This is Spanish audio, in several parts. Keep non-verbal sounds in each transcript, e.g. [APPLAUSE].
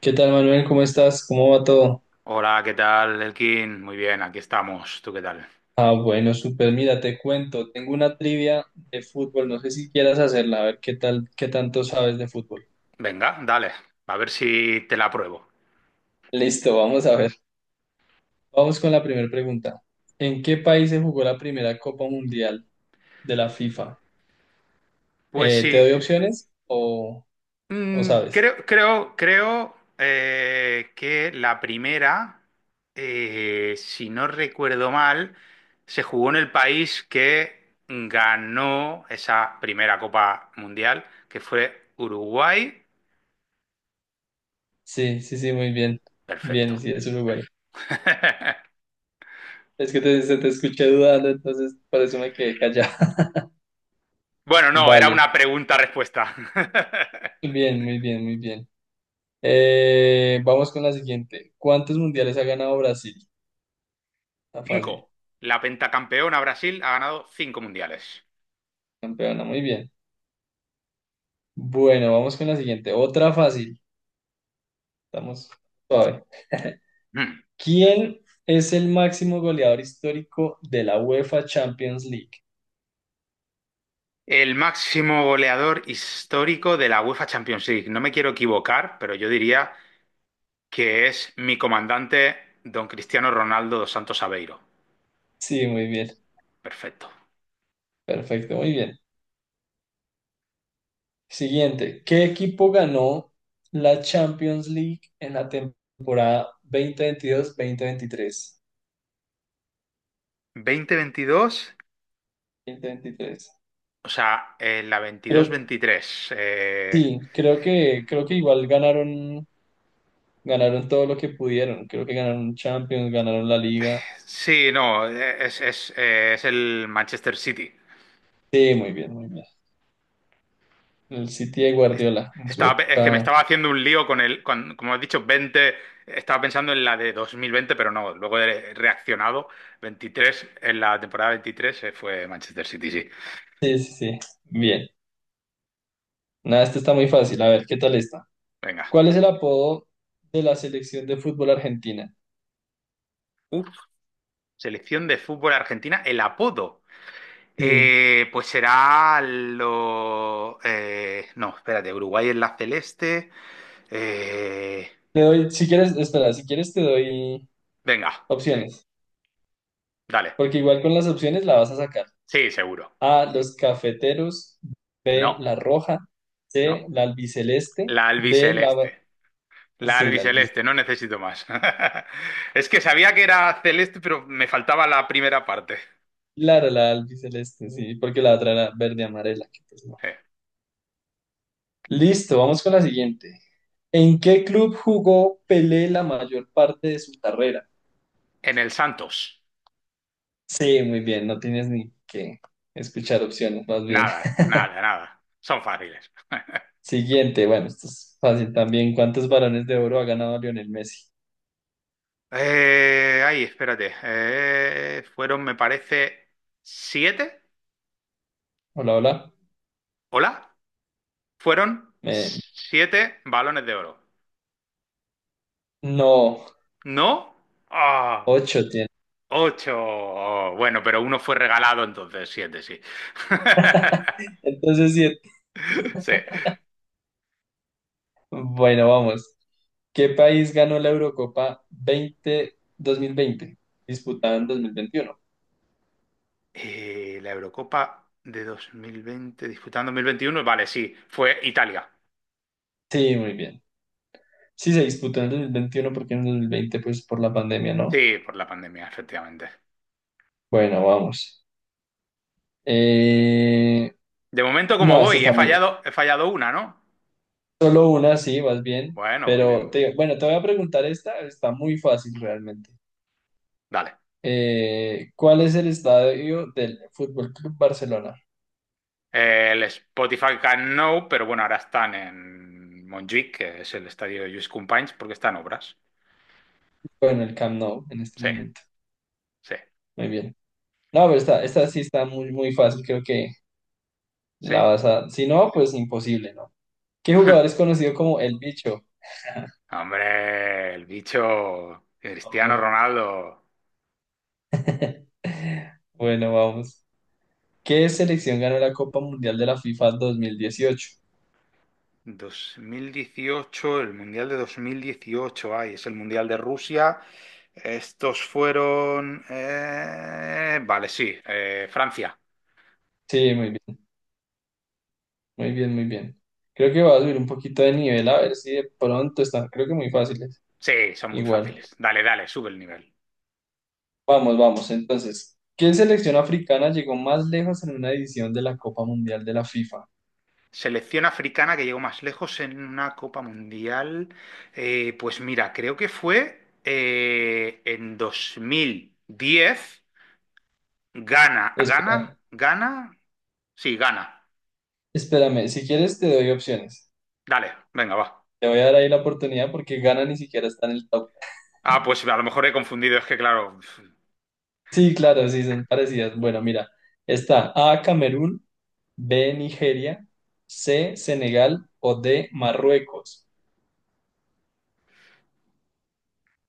¿Qué tal, Manuel? ¿Cómo estás? ¿Cómo va todo? Hola, ¿qué tal, Elkin? Muy bien, aquí estamos. ¿Tú qué tal? Ah, bueno, súper. Mira, te cuento. Tengo una trivia de fútbol. No sé si quieras hacerla. A ver qué tal, qué tanto sabes de fútbol. Venga, dale, a ver si te la pruebo. Listo, vamos a ver. Vamos con la primera pregunta. ¿En qué país se jugó la primera Copa Mundial de la FIFA? Pues ¿Te sí. doy opciones o sabes? Creo que la primera, si no recuerdo mal, se jugó en el país que ganó esa primera Copa Mundial, que fue Uruguay. Sí, sí, sí, muy bien. Bien, Perfecto. sí, es Uruguay. Es que se te escuché dudando, entonces por eso me quedé callado. Bueno, no, [LAUGHS] era Vale. una pregunta-respuesta. [LAUGHS] Bien, muy bien, muy bien. Vamos con la siguiente. ¿Cuántos mundiales ha ganado Brasil? Está fácil, Cinco. La pentacampeona Brasil ha ganado cinco mundiales. campeona, muy bien. Bueno, vamos con la siguiente. Otra fácil. Estamos suave. Mm. ¿Quién es el máximo goleador histórico de la UEFA Champions League? El máximo goleador histórico de la UEFA Champions League. No me quiero equivocar, pero yo diría que es mi comandante, don Cristiano Ronaldo dos Santos Aveiro. Sí, muy bien. Perfecto. Perfecto, muy bien. Siguiente. ¿Qué equipo ganó la Champions League en la temporada 2022-2023? Veinte veintidós, Veintitrés. Dos mil veintitrés. o sea, en la Creo, veintidós veintitrés. Creo que igual ganaron. Todo lo que pudieron. Creo que ganaron Champions, ganaron la Liga. Sí, no, es el Manchester City. Sí, muy bien, muy bien. El City de Es- Guardiola en su Estaba, es que me época. estaba haciendo un lío con como has dicho, veinte, estaba pensando en la de 2020, pero no, luego he reaccionado. Veintitrés, en la temporada veintitrés se fue Manchester City, sí. Sí, sí, sí. Bien. Nada, este está muy fácil. A ver, ¿qué tal está? Venga. ¿Cuál es el apodo de la selección de fútbol argentina? Uf, selección de fútbol argentina, el apodo. Sí. Pues será lo... no, espérate, Uruguay en la celeste. Eh, Te doy, si quieres, espera, si quieres te doy venga, opciones. dale. Porque igual con las opciones la vas a sacar. Sí, seguro. A, los cafeteros. B, No, la roja. C, no. la albiceleste. La D, la... albiceleste. La Sí, la albiceleste. albiceleste, no necesito más. [LAUGHS] Es que sabía que era celeste, pero me faltaba la primera parte. Claro, la albiceleste, sí, porque la otra era verde amarela, que pues no. Eh, Listo, vamos con la siguiente. ¿En qué club jugó Pelé la mayor parte de su carrera? En el Santos. Sí, muy bien, no tienes ni que escuchar opciones, más bien. Nada, nada, nada. Son fáciles. [LAUGHS] Siguiente, bueno, esto es fácil también. ¿Cuántos balones de oro ha ganado Lionel Messi? Ay, espérate. Fueron, me parece, siete. Hola, hola. ¿Hola? Fueron Me- siete balones de oro. No, ¿No? Ah, ocho tiene. ocho. Oh, bueno, pero uno fue regalado, entonces siete, sí. [LAUGHS] [LAUGHS] Entonces, sí, Sí. bueno, vamos. ¿Qué país ganó la Eurocopa veinte dos mil veinte, disputada en 2021? La Eurocopa de 2020, disputando 2021, vale, sí, fue Italia. Sí, muy bien. Sí, se disputó en el 2021 porque en el 2020 pues por la pandemia, ¿no? Sí, por la pandemia, efectivamente. Bueno, vamos. Eh, ¿De momento, como No, esta voy? Está muy... He fallado una, ¿no? Solo una, sí, vas bien. Bueno, voy bien, Pero, muy bien. digo, bueno, te voy a preguntar esta, está muy fácil realmente. Dale. ¿Cuál es el estadio del Fútbol Club Barcelona? El Spotify Can No, pero bueno, ahora están en Montjuic, que es el estadio de Lluís Companys, porque están obras. Bueno, el Camp Nou en este Sí, momento. sí, Muy bien. No, pero esta sí está muy, muy fácil, creo que sí. la vas a... Si no, pues imposible, ¿no? ¿Qué jugador es conocido como El Bicho? Hombre, el bicho Por Cristiano favor. Ronaldo. Bueno, vamos. ¿Qué selección ganó la Copa Mundial de la FIFA 2018? 2018, el Mundial de 2018, ay, es el Mundial de Rusia. Vale, sí, Francia. Sí, muy bien, muy bien, muy bien. Creo que va a subir un poquito de nivel, a ver si de pronto está. Creo que muy fáciles. Sí, son muy Igual. fáciles. Dale, dale, sube el nivel. Vamos, vamos. Entonces, ¿qué selección africana llegó más lejos en una edición de la Copa Mundial de la FIFA? Selección africana que llegó más lejos en una Copa Mundial. Pues mira, creo que fue en 2010. Gana, Espera, gana, gana. Sí, gana. espérame, si quieres te doy opciones. Dale, venga, va. Te voy a dar ahí la oportunidad porque Ghana ni siquiera está en el top. Ah, pues a lo mejor he confundido, es que claro... Sí, claro, sí, son parecidas. Bueno, mira, está A, Camerún, B, Nigeria, C, Senegal o D, Marruecos.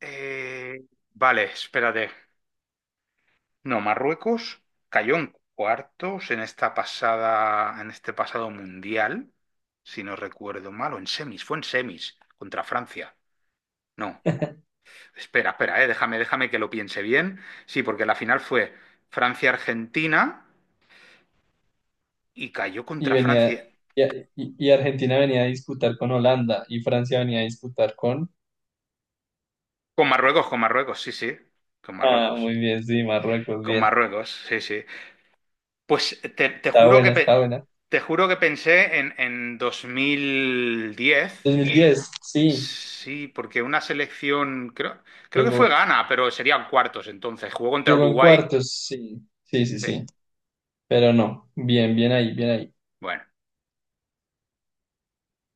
Eh, vale, espérate. No, Marruecos cayó en cuartos en esta pasada, en este pasado mundial, si no recuerdo mal, o en semis, fue en semis contra Francia. No, espera, espera, déjame que lo piense bien. Sí, porque la final fue Francia-Argentina y cayó Y contra venía, Francia. y, y Argentina venía a disputar con Holanda y Francia venía a disputar con... Con Marruecos, sí, sí, con Ah, Marruecos. muy bien, sí, Marruecos, Con bien. Marruecos, sí, sí. Pues te, te Está juro buena, que está pe- buena. te juro que pensé en dos mil diez 2010, sí, sí, porque una selección, creo, creo que fue llegó, Ghana, pero serían cuartos entonces. Jugó contra llegó en Uruguay. cuartos, sí, sí, sí, Sí, sí. Pero no, bien, bien ahí, bien ahí. bueno,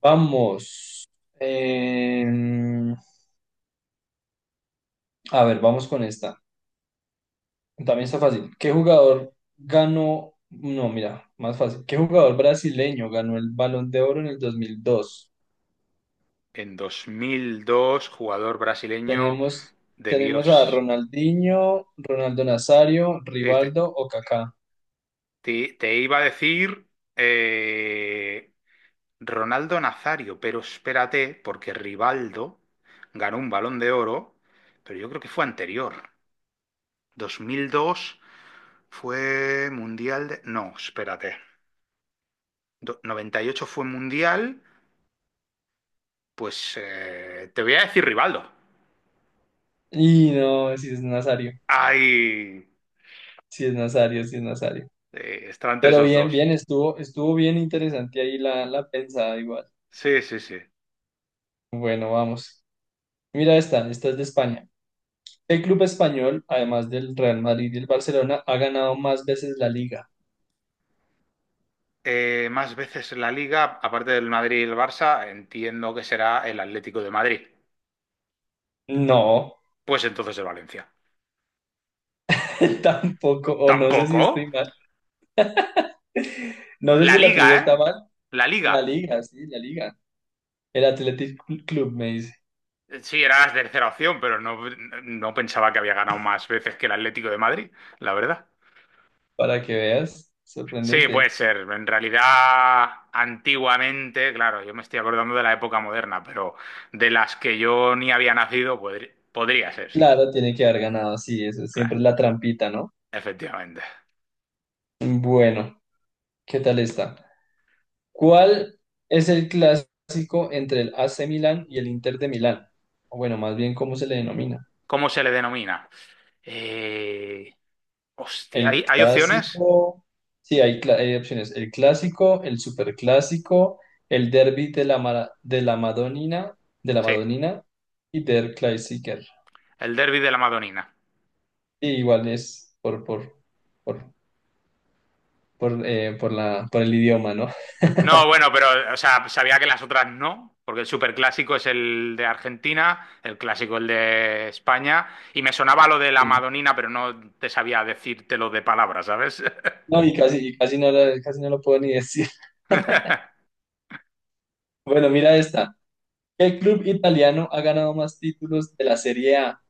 Vamos. Eh, a ver, vamos con esta. También está fácil. ¿Qué jugador ganó? No, mira, más fácil. ¿Qué jugador brasileño ganó el Balón de Oro en el 2002? en dos mil dos, jugador brasileño Tenemos, de tenemos a Dios. Ronaldinho, Ronaldo Nazario, Sí, te, Rivaldo o Kaká. Te iba a decir eh, Ronaldo Nazario, pero espérate, porque Rivaldo ganó un Balón de Oro, pero yo creo que fue anterior. Dos mil dos fue mundial de... No, espérate. Noventa y ocho fue mundial, pues te voy a decir Rivaldo. Y no, si es Nazario, Ay, si es Nazario, si es Nazario. Estaba entre Pero esos bien, dos. bien, estuvo, estuvo bien interesante ahí la pensada igual. Sí, sí, sí. Bueno, vamos. Mira esta, esta es de España. ¿Qué club español, además del Real Madrid y el Barcelona, ha ganado más veces la liga? Más veces en la liga, aparte del Madrid y el Barça, entiendo que será el Atlético de Madrid. No, Pues entonces el Valencia. [LAUGHS] tampoco, o no sé si Tampoco. estoy mal. No sé La si la liga, trivia está ¿eh? mal. La La liga. liga, sí, la liga. El Athletic Club me dice, Sí, era la tercera opción, pero no, no pensaba que había ganado más veces que el Atlético de Madrid, la verdad. para que veas, Sí, puede sorprendente. ser. En realidad, antiguamente, claro, yo me estoy acordando de la época moderna, pero de las que yo ni había nacido, podría ser, sí. Claro, tiene que haber ganado, sí, eso siempre Claro, es la trampita, ¿no? efectivamente. Bueno, ¿qué tal está? ¿Cuál es el clásico entre el AC Milán y el Inter de Milán? O bueno, más bien, ¿cómo se le denomina? ¿Cómo se le denomina? Eh, Hostia, El ¿hay, hay opciones? clásico, sí, hay, hay opciones. El clásico, el superclásico, el derby de de la Madonina, de la Sí, Madonina y Der Klassiker. el derbi de la Madonina. Y igual es por, por el idioma, ¿no? No, bueno, pero, o sea, sabía que las otras no, porque el superclásico es el de Argentina, el clásico el de España, y me sonaba lo de la Sí. Madonina, pero no te sabía decírtelo de palabras, ¿sabes? No, y casi no, casi no lo puedo ni decir. [LAUGHS] [LAUGHS] Bueno, mira esta. ¿Qué club italiano ha ganado más títulos de la Serie A?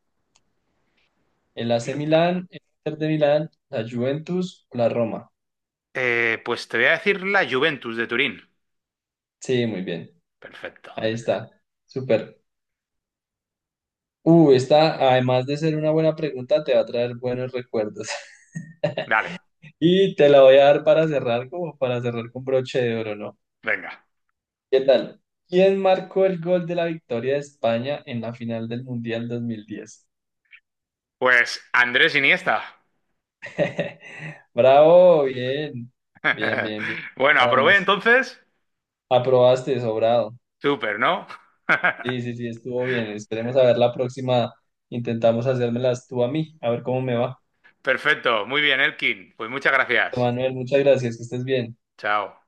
¿El AC Club. Milán, el Inter de Milán, la Juventus o la Roma? Pues te voy a decir la Juventus de Turín. Sí, muy bien. Perfecto. Ahí está. Súper. Esta, además de ser una buena pregunta, te va a traer buenos recuerdos. Dale, [LAUGHS] Y te la voy a dar para cerrar, como para cerrar con broche de oro, ¿no? venga. ¿Qué tal? ¿Quién marcó el gol de la victoria de España en la final del Mundial 2010? Pues Andrés Iniesta. [LAUGHS] Bravo, bien, bien, [LAUGHS] bien, bien. Bueno, aprobé Vamos, entonces. aprobaste, sobrado. Súper, ¿no? Sí, [LAUGHS] sí, sí, estuvo bien. Esperemos a ver la próxima. Intentamos hacérmelas tú a mí, a ver cómo me va. Perfecto. Muy bien, Elkin. Pues muchas gracias. Manuel, muchas gracias, que estés bien. Chao.